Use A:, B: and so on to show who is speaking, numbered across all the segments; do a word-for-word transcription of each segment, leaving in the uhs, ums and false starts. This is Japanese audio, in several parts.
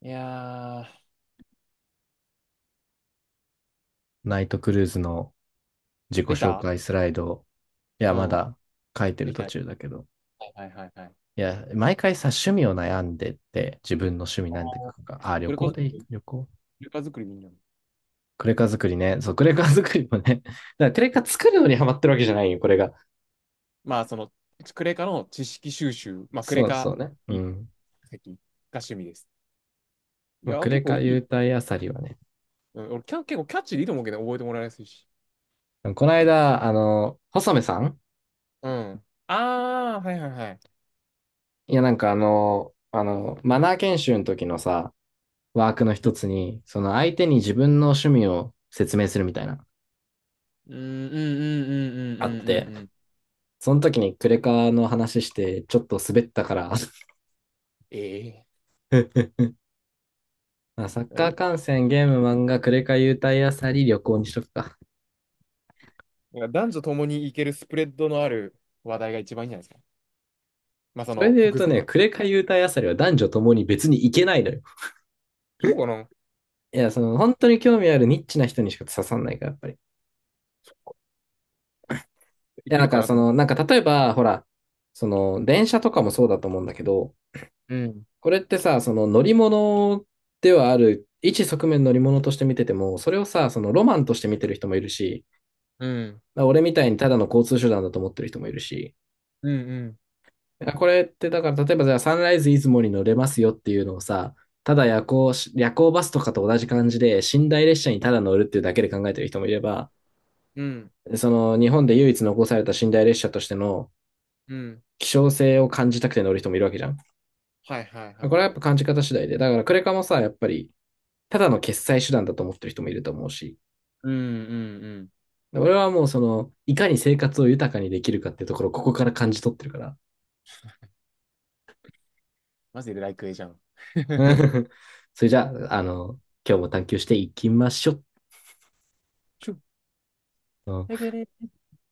A: いやー、
B: ナイトクルーズの自己
A: でき
B: 紹
A: た。
B: 介スライド、いや、
A: う
B: ま
A: ん。
B: だ書いて
A: で
B: る
A: きた。
B: 途
A: は
B: 中だけど。
A: いはいはいはい。
B: いや、毎回さ、趣味を悩んでって、自分の趣味なんて書くか。あ、旅
A: クレカ
B: 行でい
A: 作
B: い、
A: り、
B: 旅行。
A: クレカ作りでいいんだ。
B: クレカ作りね。そう、クレカ作りもね。だからクレカ作るのにハマってるわけじゃないよ、これが。
A: まあ、その、クレカの知識収集、まあ、クレ
B: そう
A: カ
B: そうね。うん。
A: 化石が趣味です。い
B: まあ、
A: や
B: ク
A: ー、結
B: レ
A: 構
B: カ
A: いい。
B: 優待あさりはね。
A: うん、俺キャ、結構キャッチーでいいと思うけど、覚えてもらいやすいし。
B: この間、あの、細目さん。
A: うん。あー、はいはいはい。
B: いや、なんかあの、あの、マナー研修の時のさ、ワークの
A: う
B: 一
A: ん、
B: つに、その相手に自分の趣味を説明するみたいな、
A: うん、うん、うん、うん、う
B: あっ
A: ん、
B: て、
A: うんうん。
B: その時にクレカの話してちょっと滑ったから。
A: ええ
B: ま
A: ー。
B: あサッ
A: だから
B: カー
A: 今、
B: 観戦、ゲーム、漫画、クレカ優待あさり、旅行にしとくか。
A: なんから男女共にいけるスプレッドのある話題が一番いいんじゃないですか。まあ、そ
B: それ
A: の、
B: で言う
A: 複
B: と
A: 数、
B: ね、クレカ優待あさりは男女ともに別に行けないのよ。
A: そうかな。
B: いや、その本当に興味あるニッチな人にしか刺さんないから、やっぱり。い
A: い
B: や、
A: け
B: な
A: る
B: ん
A: か
B: か
A: な
B: そ
A: と思っ
B: の、
A: て。
B: なんか例えば、ほら、その電車とかもそうだと思うんだけど、
A: うん。
B: これってさ、その乗り物ではある、一側面乗り物として見てても、それをさ、そのロマンとして見てる人もいるし、
A: うん。
B: まあ俺みたいにただの交通手段だと思ってる人もいるし、
A: うんうん。
B: これってだから例えばじゃあサンライズ出雲に乗れますよっていうのをさ、ただ夜行夜行バスとかと同じ感じで寝台列車にただ乗るっていうだけで考えてる人もいれば、
A: うん。
B: その日本で唯一残された寝台列車としての
A: うん。
B: 希少性を感じたくて乗る人もいるわけじゃん。
A: はいはい
B: こ
A: は
B: れ
A: い
B: はや
A: は
B: っ
A: い。
B: ぱ感じ方次第で。だからクレカもさ、やっぱりただの決済手段だと思ってる人もいると思うし、
A: うんうんうん。
B: 俺はもうその、いかに生活を豊かにできるかっていうところをここから感じ取ってるから。
A: マジでライクエじゃん。
B: う ん。それじゃあ、あの、今日も探求していきましょう。
A: ちょ、
B: うん。
A: だけで、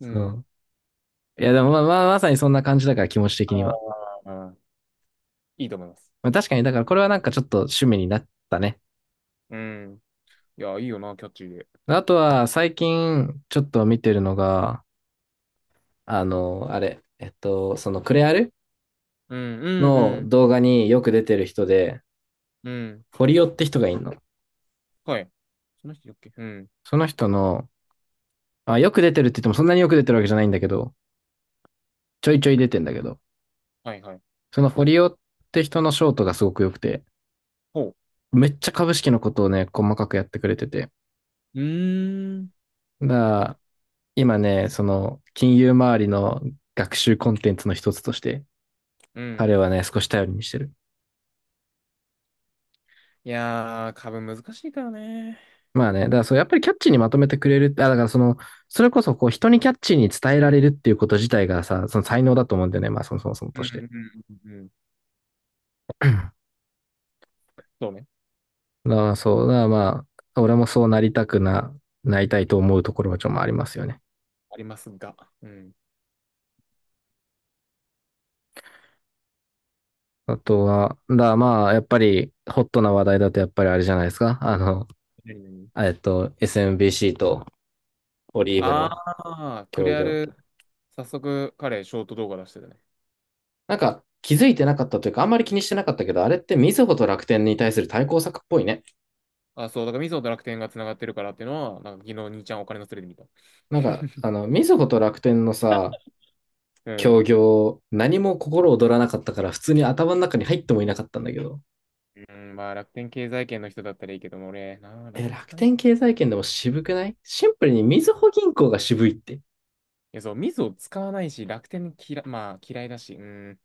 A: う
B: そ
A: ん。
B: う。いや、でもまあ、まあ、まさにそんな感じだから、気持ち的には。
A: ああ、いいと思います。
B: まあ、確かに、だからこれはなんかちょっと趣味になったね。
A: うん。いや、いいよな、キャッチーで。
B: あとは、最近、ちょっと見てるのが、あの、あれ、えっと、そのクレアル
A: うん、うん、う
B: の
A: ん、
B: 動画によく出てる人で、
A: うん。
B: フォリオって人がいるの。
A: はい。その人だっけ。うん。
B: その人の、あ、よく出てるって言ってもそんなによく出てるわけじゃないんだけど、ちょいちょい出てんだけど、
A: はい、はい。
B: そのフォリオって人のショートがすごく良くて、
A: ほう。
B: めっちゃ株式のことをね、細かくやってくれてて。
A: うーん。
B: だか
A: だね。
B: ら今ね、その、金融周りの学習コンテンツの一つとして、
A: うん。
B: 彼はね、少し頼りにしてる。
A: いやー、株難しいからね。
B: まあね、だか
A: ほ
B: ら
A: ん
B: そう、やっぱりキャッチーにまとめてくれるって、あ、だからその、それこそこう、人にキャッチーに伝えられるっていうこと自体がさ、その才能だと思うんだよね、まあそもそもそも
A: う
B: と
A: ん、
B: して。
A: うん、うん。うん。
B: だか
A: そうね。
B: らそう、だからまあ、俺もそうなりたくな、なりたいと思うところはちょっとありますよね。
A: ありますが。うん。
B: あとは、だからまあ、やっぱり、ホットな話題だとやっぱりあれじゃないですか。あの、
A: 何々。
B: えっと、エスエムビーシー とオリーブ
A: あ
B: の
A: あ、ク
B: 協
A: レア
B: 業。
A: ル、早速彼、ショート動画出してたね。
B: なんか、気づいてなかったというか、あんまり気にしてなかったけど、あれってみずほと楽天に対する対抗策っぽいね。
A: あ、そう、だからミソと楽天が繋がってるからっていうのは、なんか昨日兄ちゃんお金のすれで見た。
B: なんか、あの、みずほと楽天のさ、
A: うん。
B: 協業、何も心躍らなかったから、普通に頭の中に入ってもいなかったんだけど。
A: うん、まあ楽天経済圏の人だったらいいけども、俺、なあ、楽
B: え、
A: 天使
B: 楽
A: わない。い
B: 天経済圏でも渋くない、シンプルにみずほ銀行が渋いって。
A: や、そう、ミソ使わないし、楽天嫌、まあ嫌いだし、うん。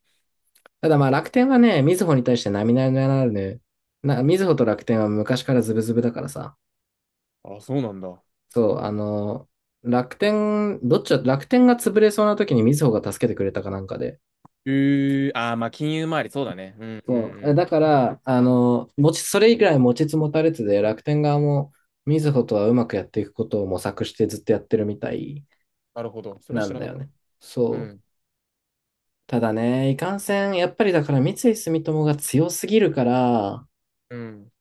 B: ただまあ楽天はね、みずほに対して並々ならぬ、な、みずほと楽天は昔からズブズブだからさ。
A: あ、そうなんだ。
B: そう、あの、楽天、どっちだ、楽天が潰れそうな時にみずほが助けてくれたかなんかで。
A: えー、あー、まあ金融周り、そうだね。うんうんう
B: そう。え
A: ん。
B: だから、あの、持ち、それ以来持ちつ持たれつで、楽天側もみずほとはうまくやっていくことを模索してずっとやってるみたい
A: なるほど。それは
B: な
A: 知
B: ん
A: ら
B: だ
A: な
B: よ
A: かっ
B: ね。
A: た。う
B: そう。
A: ん。
B: ただね、いかんせん、やっぱりだから三井住友が強すぎるから、
A: うん。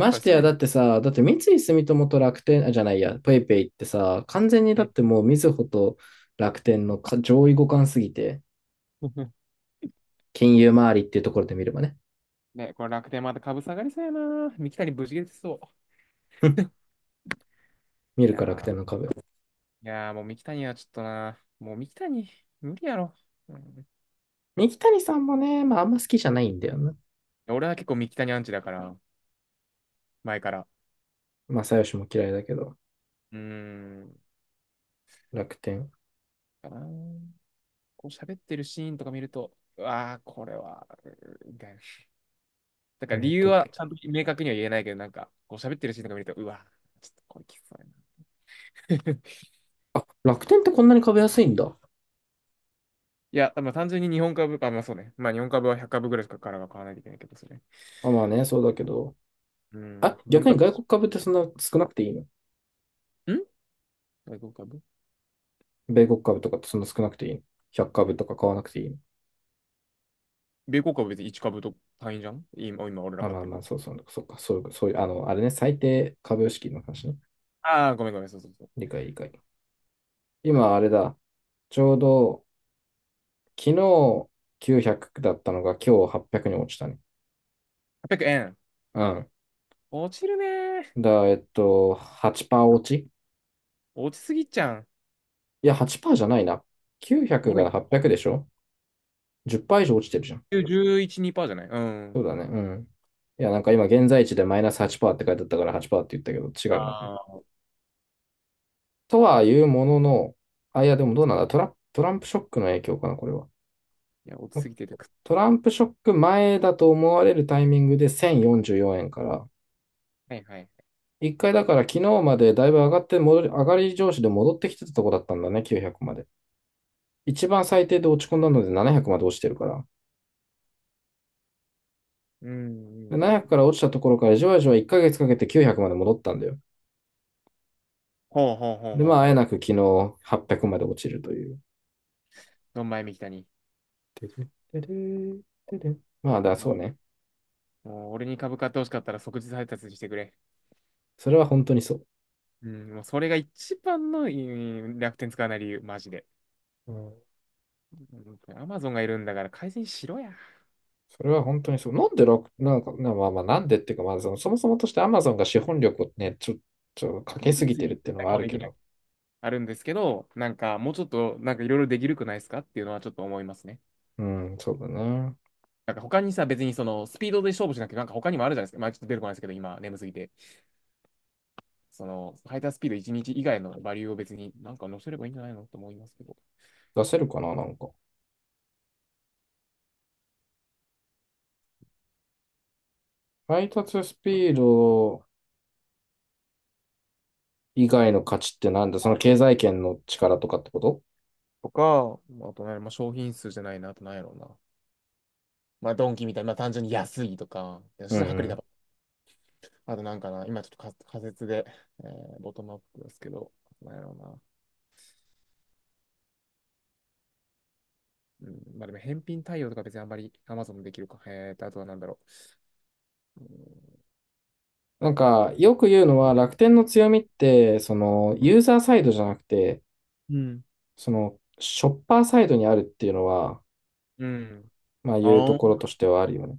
A: 今
B: し
A: 回
B: て
A: さ
B: や、
A: ら
B: だ
A: に、
B: ってさ、だって三井住友と楽天、あ、じゃないや、ペイペイってさ、完全に
A: う
B: だっ
A: ん。
B: てもうみずほと楽天のか上位互換すぎて、金融周りっていうところで見ればね。
A: ね、これ楽天また株下がりそうやな。三木谷ぶち切れてそ
B: 見
A: う。い
B: るから楽
A: や
B: 天の
A: ー。
B: 株。
A: いやーもう三木谷はちょっとな、もう三木谷、無理やろ。うん、
B: 三木谷さんもね、まああんま好きじゃないんだよな。
A: 俺は結構三木谷アンチだから、前から。
B: まあよしも嫌いだけど、
A: うーん、
B: 楽天。
A: かな。こう喋ってるシーンとか見ると、うわー、これは、うーみたいな。だから
B: え
A: 理
B: っ
A: 由
B: と、
A: はちゃんと明確には言えないけど、なんか、こう喋ってるシーンとか見ると、うわー、ちょっとこれきつそうやな。
B: あ、楽天ってこんなに株安いんだ。
A: いや、まあ単純に日本株、あ、まあそうね。まあ日本株はひゃくかぶ株ぐらいしかからは買わないといけないけど、それ。
B: あ、まあね、そうだけど。
A: う
B: あ、
A: ん、分
B: 逆に
A: 割
B: 外
A: し、
B: 国株ってそんな少なくていいの？
A: ん外国株
B: 米国株とかってそんな少なくていいの？ ひゃく 株とか買わなくていいの？
A: 米国株は別にいちかぶ株と単位じゃん今、今俺ら
B: あ、
A: 買っ
B: まあ
A: てる
B: ま
A: の。
B: あ、そうそう、そうか、そういう、そういう、あの、あれね、最低株式の話ね。
A: ああ、ごめんごめん、そうそうそう。
B: 理解、理解。今、あれだ。ちょうど、昨日きゅうひゃくだったのが今日はっぴゃくに落ちたね。
A: はっぴゃくえん。
B: うん。
A: 落ちるねー。
B: だ、えっと、はちパーセント落ち。
A: 落ちすぎちゃん。
B: いや、はちパーセントじゃないな。きゅうひゃく
A: もろ
B: が
A: に。
B: はっぴゃくでしょ？ じゅっパーセント 以上落ちてるじゃん。
A: じゅういち、にパーじゃない。う
B: そう
A: ん。
B: だね。うん。いや、なんか今、現在地でマイナスはちパーセントって書いてあったからはちパーセントって言ったけど、
A: あ
B: 違うな、これ。
A: あ。
B: とはいうものの、あ、いや、でも
A: 落
B: どう
A: ち
B: なんだトラ、トランプショックの影響かな、これは。
A: いや、落ちすぎててくっ。
B: トランプショック前だと思われるタイミングでせんよんじゅうよえんから、
A: はいはい。
B: 一回だから昨日までだいぶ上がって戻り、上がり上司で戻ってきてたとこだったんだね、きゅうひゃくまで。一番最低で落ち込んだのでななひゃくまで落ちてるから。
A: うん、う
B: で
A: んう
B: ななひゃくか
A: ん。
B: ら落ちたところからじわじわいっかげつかけてきゅうひゃくまで戻ったんだよ。
A: ほうほうほう
B: で、ま
A: ほう
B: あ、あえ
A: ほう。
B: なく昨日はっぴゃくまで落ちるという。
A: ドンマイみきたに。
B: まあ、だ、そう
A: も
B: ね。
A: う、もう俺に株買ってほしかったら即日配達してくれ。
B: それは本当にそう。
A: うん、もうそれが一番の、うん、楽天使わない理由、マジで。
B: うん。
A: アマゾンがいるんだから改善しろや。
B: それは本当にそう。なんで楽、なんか、なまあまあ、なんでっていうか、まあその、そもそもとして Amazon が資本力をね、ちょ、ちょ、かけ
A: レビ
B: す
A: ュー
B: ぎて
A: 次、
B: るっていうのはあ
A: 一
B: る
A: で
B: け
A: きない。
B: ど。
A: あるんですけど、なんかもうちょっとなんかいろいろできるくないですかっていうのはちょっと思いますね。
B: うん、そうだね。
A: なんか他にさ、別にそのスピードで勝負しなくて、なんか他にもあるじゃないですか。まあちょっと出てこないですけど、今眠すぎて。その、ハイタースピードいちにち以外のバリューを別になんか載せればいいんじゃないのと思いますけど。
B: 出せるかな、なんか。配達スピード以外の価値ってなんだ？その
A: あ、
B: 経済圏の力とかってこと？
A: とか、あとね、まあ商品数じゃないな、あとなんやろうな。まあドンキみたいな、まあ単純に安いとか、そ
B: う
A: し
B: ん
A: て薄
B: う
A: 利多
B: ん。
A: 売。あとなんかな、今ちょっと仮仮説で、えーボトムアップですけど、なんやろうな。うん、まあでも返品対応とか別にあんまり Amazon できるか。えーと、あとはなんだろう。
B: なんか、よく言うのは楽天の強みって、その、ユーザーサイドじゃなくて、
A: うん。
B: その、ショッパーサイドにあるっていうのは、
A: うん。
B: まあ、いう
A: あ
B: と
A: あ、
B: ころとしてはあるよね。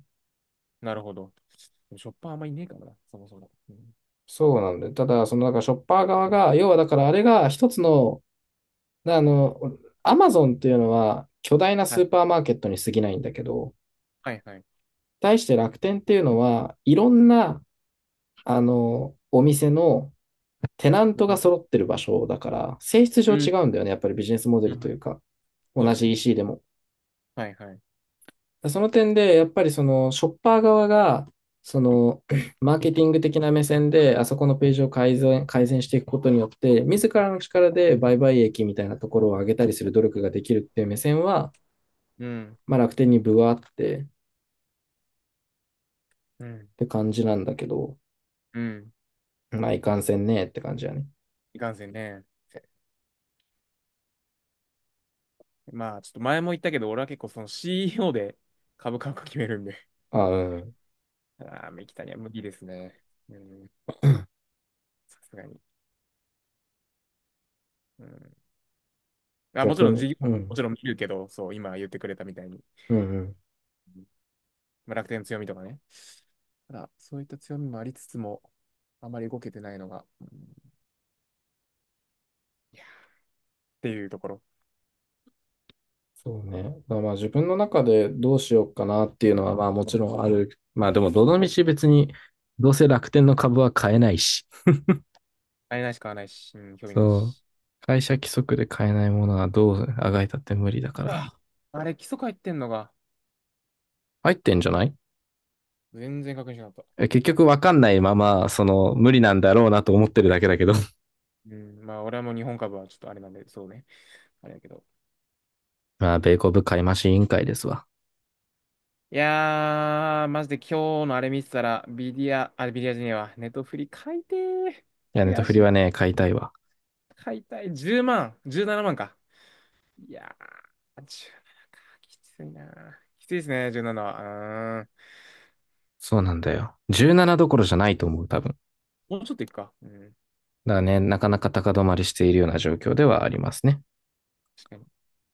A: なるほど。ショッパーあんまいねえからな、そもそも。うん、
B: そうなんだよ。ただ、その、だから、ショッパー側が、要は、だから、あれが一つの、あの、アマゾンっていうのは、巨大な
A: は
B: ス
A: い、
B: ーパーマーケットに過ぎないんだけど、
A: はい、はい。
B: 対して楽天っていうのは、いろんなあの、お店のテナン
A: う
B: トが
A: ん、
B: 揃ってる場所だから、性質
A: う
B: 上違
A: ん、
B: うんだよね。やっぱりビジネスモデ
A: う
B: ルと
A: ん。
B: いうか、
A: そう
B: 同
A: です
B: じ
A: ね。
B: イーシー でも。
A: はい、はい。
B: その点で、やっぱりそのショッパー側が、その マーケティング的な目線で、あそこのページを改善、改善していくことによって、自らの力で売買益みたいなところを上げたりする努力ができるっていう目線は、
A: うん、
B: まあ楽天にぶわってっ
A: うん、
B: て感じなんだけど、
A: うん。
B: まあいかんせんねって感じやね。
A: いかんせんね。まあ、ちょっと前も言ったけど、俺は結構その シーイーオー で株価を決めるんで、ち
B: あ、うん。
A: ああ、三木谷は無理ですね。うん、さすがに。うん、あ、もち
B: 逆
A: ろん
B: に。
A: 事業、
B: う
A: も
B: ん。
A: ちろん見るけど、そう、今言ってくれたみたいに、
B: うんうん。
A: うん、まあ楽天の強みとかね、ただ、そういった強みもありつつも、あまり動けてないのが、うん、いやっていうところ。
B: そうね。だからまあ自分の中でどうしようかなっていうのはまあもちろんある。まあでもどの道別にどうせ楽天の株は買えないし。
A: あれないし買わないし、うん、興味ない
B: そう。
A: し。
B: 会社規則で買えないものはどうあがいたって無理だから。
A: ああれ、基礎入ってんのが、
B: 入ってんじゃない？
A: 全然確認しなかった。
B: え結局わかんないまま、その無理なんだろうなと思ってるだけだけど。
A: うん、まあ、俺はもう日本株はちょっとあれなんで、そうね。あれだけど。
B: まあ米国買い増し委員会ですわ。
A: いやー、マジで今日のあれ見てたら、ビディア、あれビディアじゃねえわ、ネットフリ買いてー。
B: いや、ネト
A: 悔
B: フリ
A: し
B: は
A: い。
B: ね、買いたいわ。
A: 買いたい。じゅうまん、じゅうななまんか。いやー、じゅうななか。きついなー。きついですね、じゅうななは。うーん。
B: そうなんだよ。じゅうななどころじゃないと思う、多分。だか
A: もうちょっといくか。うん。
B: らね、なかなか高止まりしているような状況ではありますね。
A: 確かに。